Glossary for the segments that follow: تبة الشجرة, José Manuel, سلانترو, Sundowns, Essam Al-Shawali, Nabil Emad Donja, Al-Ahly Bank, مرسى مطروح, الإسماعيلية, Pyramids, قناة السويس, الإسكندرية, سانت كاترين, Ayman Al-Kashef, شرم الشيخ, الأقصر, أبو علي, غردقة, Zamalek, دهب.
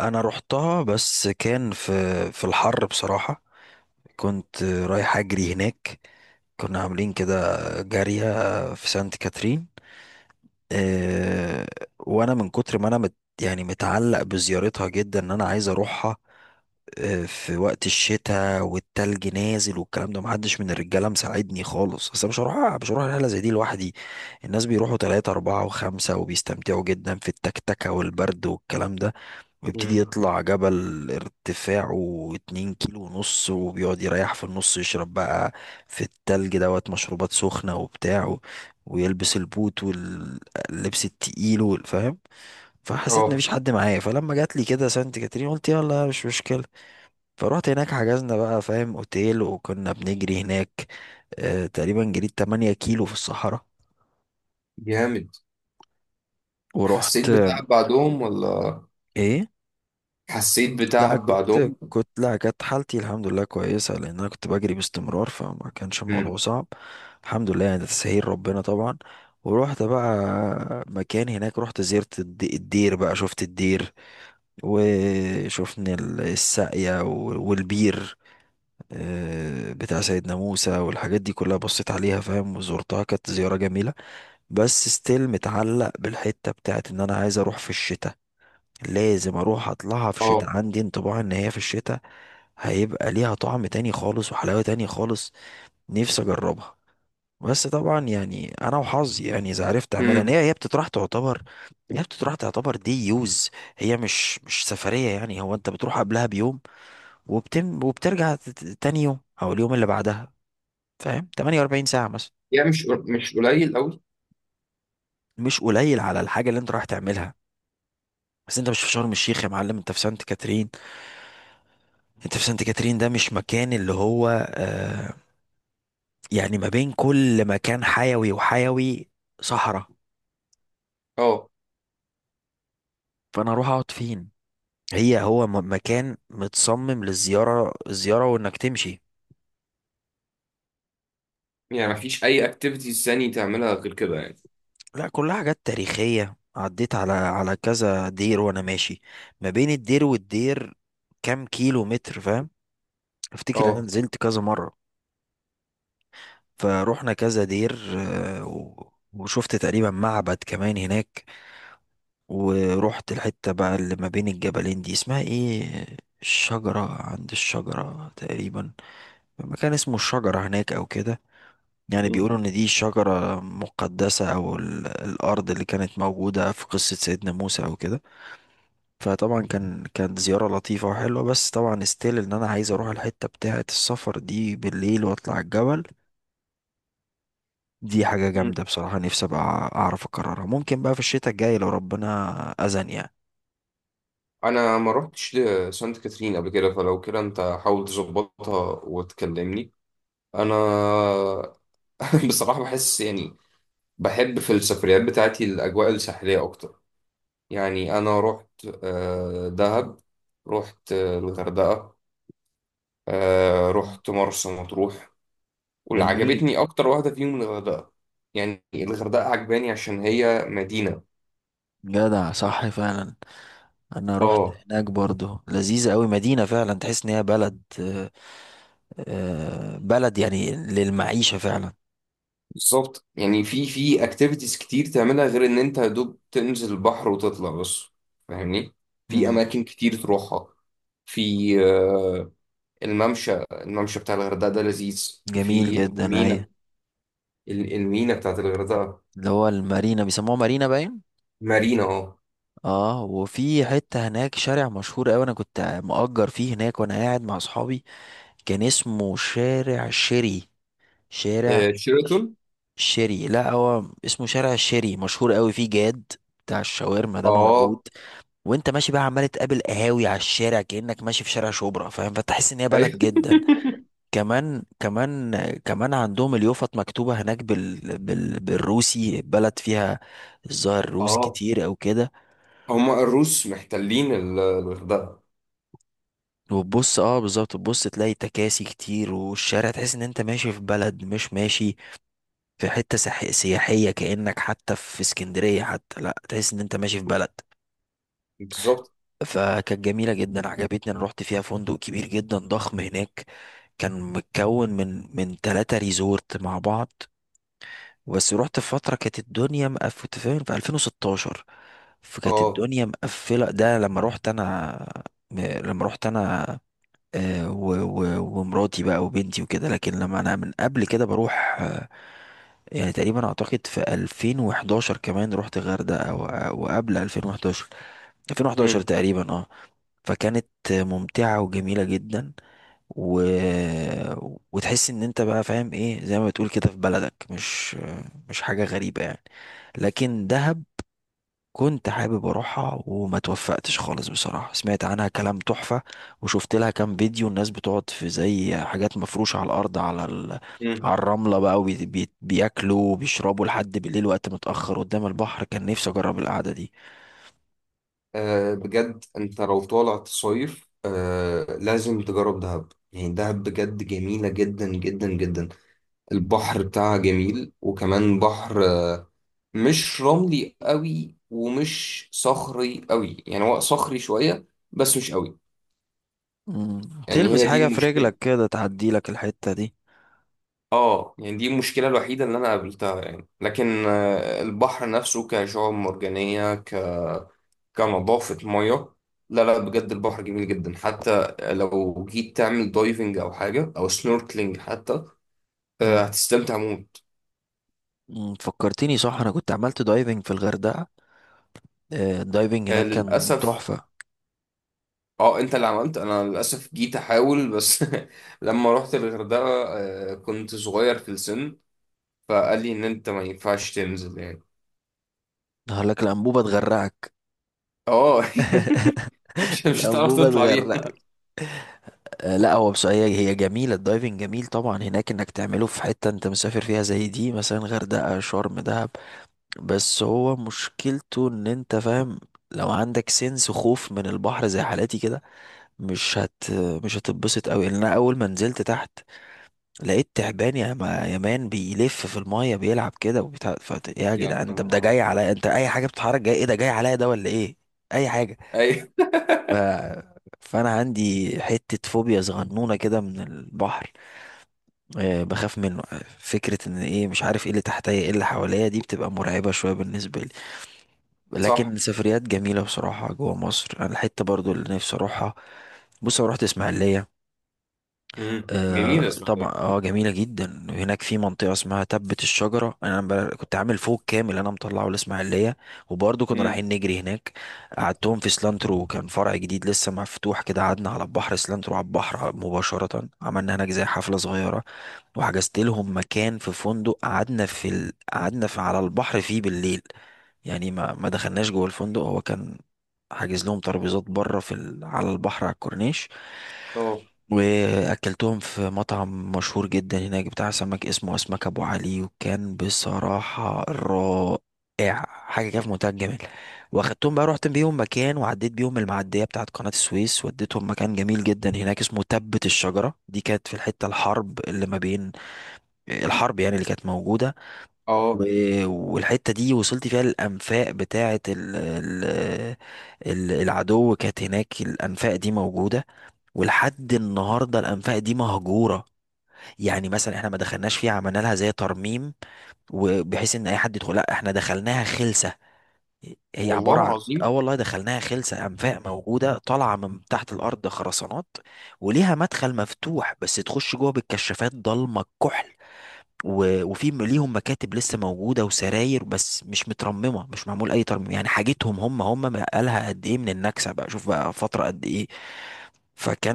انا رحتها، بس كان في الحر بصراحة. كنت رايح اجري هناك، كنا عاملين كده جارية في سانت كاترين. آه، وانا من كتر ما انا مت يعني متعلق بزيارتها جدا ان انا عايز اروحها. في وقت الشتاء والتلج نازل والكلام ده، محدش من الرجاله مساعدني خالص، اصل مش هروح رحله زي دي لوحدي. الناس بيروحوا تلاتة أربعة وخمسة وبيستمتعوا جدا في التكتكة والبرد والكلام ده. ويبتدي مم. يطلع جبل ارتفاعه 2 كيلو ونص، وبيقعد يريح في النص، يشرب بقى في التلج دوت مشروبات سخنة وبتاع ويلبس البوت واللبس التقيل فاهم؟ فحسيت ان اه مفيش حد معايا، فلما جات لي كده سانت كاترين قلت يلا مش مشكلة. فروحت هناك، حجزنا بقى فاهم اوتيل، وكنا بنجري هناك. اه تقريبا جريت 8 كيلو في الصحراء. جامد. حسيت ورحت. بتعب بعدهم ولا ايه، حسيت لا بتعب كنت بعدهم؟ كنت لا كانت حالتي الحمد لله كويسة، لأن أنا كنت بجري باستمرار، فما كانش امم الموضوع صعب. الحمد لله، يعني ده تسهيل ربنا طبعا. ورحت بقى مكان هناك، رحت زرت الدير بقى، شفت الدير. وشفنا الساقية والبير. بتاع سيدنا موسى والحاجات دي كلها، بصيت عليها فاهم، وزرتها، كانت زيارة جميلة. بس ستيل متعلق بالحتة بتاعت إن أنا عايز أروح في الشتاء. لازم اروح اطلعها في الشتاء، اه عندي انطباع ان هي في الشتاء هيبقى ليها طعم تاني خالص وحلاوة تاني خالص. نفسي اجربها. بس طبعا يعني انا وحظي، يعني اذا عرفت اعملها، إن امم، هي بتطرح تعتبر. هي بتطرح تعتبر دي يوز. هي مش سفرية، يعني هو انت بتروح قبلها بيوم وبتم وبترجع تاني يوم او اليوم اللي بعدها. فاهم؟ 48 ساعة مثلا. يعني مش قليل قوي. مش قليل على الحاجة اللي انت رايح تعملها. بس انت مش في شرم الشيخ يا معلم، انت في سانت كاترين. انت في سانت كاترين، ده مش مكان اللي هو. آه، يعني ما بين كل مكان حيوي وحيوي صحراء. اه، فانا اروح اقعد فين؟ هي هو مكان متصمم للزيارة الزيارة وانك تمشي. يعني مفيش اي اكتيفيتيز ثاني تعملها غير كده يعني؟ لا، كلها حاجات تاريخية، عديت على كذا دير وانا ماشي. ما بين الدير والدير كام كيلو متر، فاهم؟ افتكر ان انا اه. نزلت كذا مرة. فروحنا كذا دير، وشفت تقريبا معبد كمان هناك. ورحت الحتة بقى اللي ما بين الجبلين دي اسمها ايه، الشجرة، عند الشجرة تقريبا. مكان اسمه الشجرة هناك او كده. يعني مم. بيقولوا ان دي شجرة مقدسة، او الارض اللي كانت موجودة في قصة سيدنا موسى او كده. فطبعا كانت زيارة لطيفة وحلوة، بس طبعا استيل ان انا عايز اروح الحتة بتاعة السفر دي بالليل واطلع الجبل. دي حاجة مم. جامدة بصراحة، نفسي ابقى اعرف اكررها، ممكن بقى في الشتاء الجاي لو ربنا اذن يعني. انا ما رحتش لسانت كاترين قبل كده، فلو كده انت حاول تظبطها وتكلمني. انا بصراحة بحس يعني بحب في السفريات بتاعتي الاجواء الساحلية اكتر. يعني أنا رحت دهب، رحت الغردقة، رحت مرسى مطروح، واللي جميل. عجبتني أكتر واحدة فيهم الغردقة. يعني الغردقة عجباني عشان هي مدينة. جدع، صح فعلا. انا رحت اه، هناك برضو، لذيذة قوي، مدينة فعلا تحس ان هي بلد. بلد يعني للمعيشة فعلا. بالظبط، يعني في في اكتيفيتيز كتير تعملها غير ان انت يا دوب تنزل البحر وتطلع بس. فاهمني، في مم. اماكن كتير تروحها. في الممشى، الممشى بتاع الغردقة ده لذيذ، جميل في جدا، اي. المينا، المينا بتاعت الغردقة. اللي هو المارينا بيسموها مارينا باين. مارينا، اه. اه، وفي حتة هناك شارع مشهور قوي، انا كنت مؤجر فيه هناك وانا قاعد مع اصحابي. كان اسمه شارع شيري. آه، شارع ش- شيراتون. شيري. لا، هو اسمه شارع شيري، مشهور قوي، فيه جاد بتاع الشاورما ده موجود. اه. وانت ماشي بقى عمال تقابل قهاوي على الشارع كأنك ماشي في شارع شبرا، فاهم؟ فتحس ان هي بلد أيوة. جدا. كمان كمان. كمان عندهم اليوفط مكتوبة هناك بالروسي، بلد فيها الظاهر روس اه، كتير او كده. هما الروس محتلين الغردقة. وتبص، اه بالظبط، تبص تلاقي تكاسي كتير، والشارع تحس ان انت ماشي في بلد، مش ماشي في حتة سياحية، كأنك حتى في اسكندرية حتى، لا تحس ان انت ماشي في بلد. بالظبط. فكانت جميلة جدا عجبتني. انا رحت فيها فندق كبير جدا ضخم هناك، كان متكون من ثلاثة ريزورت مع بعض. بس رحت في فترة كانت الدنيا مقفلة، فاهم؟ في 2016. فكانت اه. الدنيا مقفلة ده لما رحت انا، لما رحت انا. ومراتي بقى وبنتي وكده. لكن لما انا من قبل كده بروح، يعني تقريبا اعتقد في 2011 كمان رحت غردقة وقبل 2011، 2011 مم. تقريبا، اه. فكانت ممتعة وجميلة جدا. و... وتحس ان انت بقى فاهم ايه، زي ما بتقول كده في بلدك، مش حاجة غريبة يعني. لكن دهب كنت حابب اروحها وما توفقتش خالص بصراحة، سمعت عنها كلام تحفة. وشفت لها كام فيديو، الناس بتقعد في زي حاجات مفروشة على الارض، مم. على الرملة بقى، بياكلوا وبيشربوا لحد بالليل وقت متأخر قدام البحر. كان نفسي اجرب القعدة دي. آه، بجد انت لو طالع تصيف آه، لازم تجرب دهب. يعني دهب بجد جميلة جدا جدا جدا. البحر بتاعها جميل، وكمان بحر مش رملي قوي ومش صخري قوي، يعني هو صخري شوية بس مش قوي. مم. يعني تلبس هي دي حاجة في المشكلة. رجلك كده تعدي لك الحتة دي. اه، يعني دي المشكلة الوحيدة اللي أنا قابلتها، يعني لكن آه، البحر نفسه كشعاب مرجانية ك... كنظافة مية، لا بجد البحر جميل جدا، حتى لو جيت تعمل دايفنج أو حاجة أو سنوركلينج حتى آه، هتستمتع موت. فكرتني صح، انا كنت عملت دايفنج في الغردقه. الدايفنج آه، هناك كان للأسف. تحفه. اه، انت اللي عملت، انا للاسف جيت احاول بس. لما رحت الغردقه آه، كنت صغير في السن، فقال لي ان انت ما ينفعش تنزل يعني. هقول لك الانبوبه تغرقك. اه. مش مش هتعرف الانبوبه تطلع تغرقك. بيها. لا، هو بس هي جميله، الدايفنج جميل طبعا، هناك انك تعمله في حته انت مسافر فيها زي دي، مثلا غردقه، شرم، دهب. بس هو مشكلته ان انت فاهم، لو عندك سنس خوف من البحر زي حالاتي كده، مش هت مش هتتبسط قوي. لان انا اول ما نزلت تحت لقيت تعبان يا ما يا مان بيلف في المية بيلعب كده وبتاع يا يا جدعان انت ده نهار جاي أبيض. عليا، انت اي حاجة بتتحرك جاي، ايه ده جاي عليا ده ولا ايه؟ اي حاجة. اي. ف... فانا عندي حتة فوبيا صغنونة كده من البحر. أه بخاف منه، فكرة ان ايه مش عارف ايه اللي تحتيا ايه اللي حواليا، دي بتبقى مرعبة شوية بالنسبة لي. لكن صح. السفريات جميلة بصراحة جوا مصر، انا الحتة برضو اللي نفسي اروحها. بص انا رحت اسماعيلية. امم، آه جميلة طبعا، اسماعيلية. اه جميلة جدا، هناك في منطقة اسمها تبة الشجرة. انا كنت عامل فوق كامل انا مطلعه الاسماعيلية، وبرضه كنا رايحين امم. نجري هناك. قعدتهم في سلانترو، كان فرع جديد لسه مفتوح كده، قعدنا على البحر، سلانترو على البحر مباشرة، عملنا هناك زي حفلة صغيرة. وحجزت لهم مكان في فندق، قعدنا في قعدنا في على البحر فيه بالليل. يعني ما دخلناش جوه الفندق، هو كان حاجز لهم ترابيزات بره في على البحر على الكورنيش. اه. واكلتهم في مطعم مشهور جدا هناك بتاع سمك اسمه اسمك ابو علي، وكان بصراحة رائع، حاجة كده في منتهى الجمال. واخدتهم بقى، رحت بيهم مكان، وعديت بيهم المعدية بتاعت قناة السويس، وديتهم مكان جميل جدا هناك اسمه تبت الشجرة. دي كانت في الحتة الحرب اللي ما بين، الحرب يعني اللي كانت موجودة. اه. و- والحتة دي وصلت فيها الأنفاق بتاعت العدو، كانت هناك الأنفاق دي موجودة. ولحد النهارده الانفاق دي مهجوره، يعني مثلا احنا ما دخلناش فيها عملنا لها زي ترميم وبحيث ان اي حد يدخل. لا، احنا دخلناها خلسه. هي والله عباره عن، اه العظيم. والله دخلناها خلسه، انفاق موجوده طالعه من تحت الارض، خرسانات، وليها مدخل مفتوح، بس تخش جوه بالكشافات ضلمه الكحل. وفي ليهم مكاتب لسه موجوده وسراير، بس مش مترممه، مش معمول اي ترميم، يعني حاجتهم هم بقالها قد ايه من النكسه بقى، شوف بقى فتره قد ايه.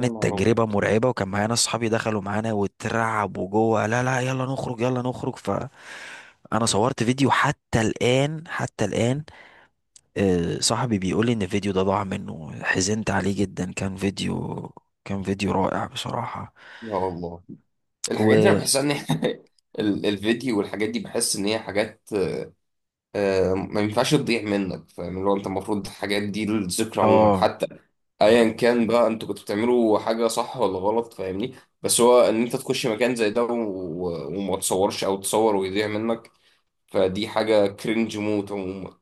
يا نهار ابيض. تجربة مرعبة، وكان معانا اصحابي دخلوا معانا واترعبوا جوه: لا لا يلا نخرج يلا نخرج. فانا صورت فيديو حتى الآن، حتى الآن. صاحبي بيقول لي ان الفيديو ده ضاع منه، حزنت عليه جدا، كان فيديو، كان فيديو رائع بصراحة. يا الله، الحاجات دي انا و بحس ان هي- الفيديو والحاجات دي بحس ان هي حاجات آه، ما ينفعش تضيع منك، فاهم؟ اللي هو انت المفروض الحاجات دي الذكرى عموما، اه، حتى ايا كان بقى انتوا كنتوا بتعملوا حاجه صح ولا غلط، فاهمني؟ بس هو ان انت تخش مكان زي ده وما تصورش او تصور ويضيع منك، فدي حاجه كرنج موت عموما.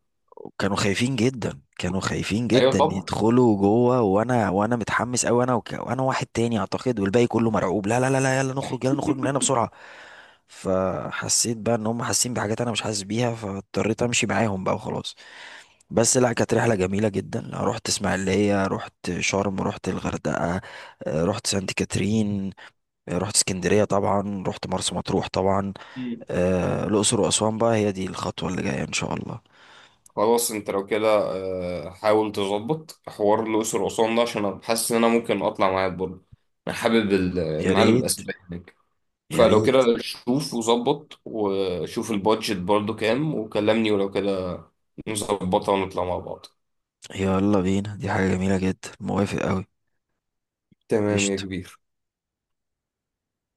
كانوا خايفين جدا، كانوا خايفين ايوه. جدا يدخلوا جوه، وانا متحمس قوي، انا وانا واحد تاني اعتقد، والباقي كله مرعوب: لا لا لا لا، يلا طبعا. نخرج يلا نخرج من هنا بسرعه. فحسيت بقى ان هم حاسين بحاجات انا مش حاسس بيها، فاضطريت امشي معاهم بقى وخلاص. بس لا، كانت رحله جميله جدا. لا، رحت اسماعيليه، رحت شرم، رحت الغردقه، رحت سانت كاترين، رحت اسكندريه طبعا، رحت مرسى مطروح طبعا، الاقصر واسوان بقى هي دي الخطوه اللي جايه ان شاء الله. خلاص، انت لو كده آه، حاول تظبط حوار الأقصر وأسوان ده، عشان انا حاسس ان انا ممكن اطلع معاك برضه. انا حابب يا المعالم ريت. الأثرية هناك. يا فلو ريت. كده شوف وظبط وشوف البادجت برضه كام وكلمني، ولو كده نظبطها ونطلع مع بعض. يلا بينا، دي حاجة جميلة جدا، موافق أوي. تمام يا قشطة. كبير.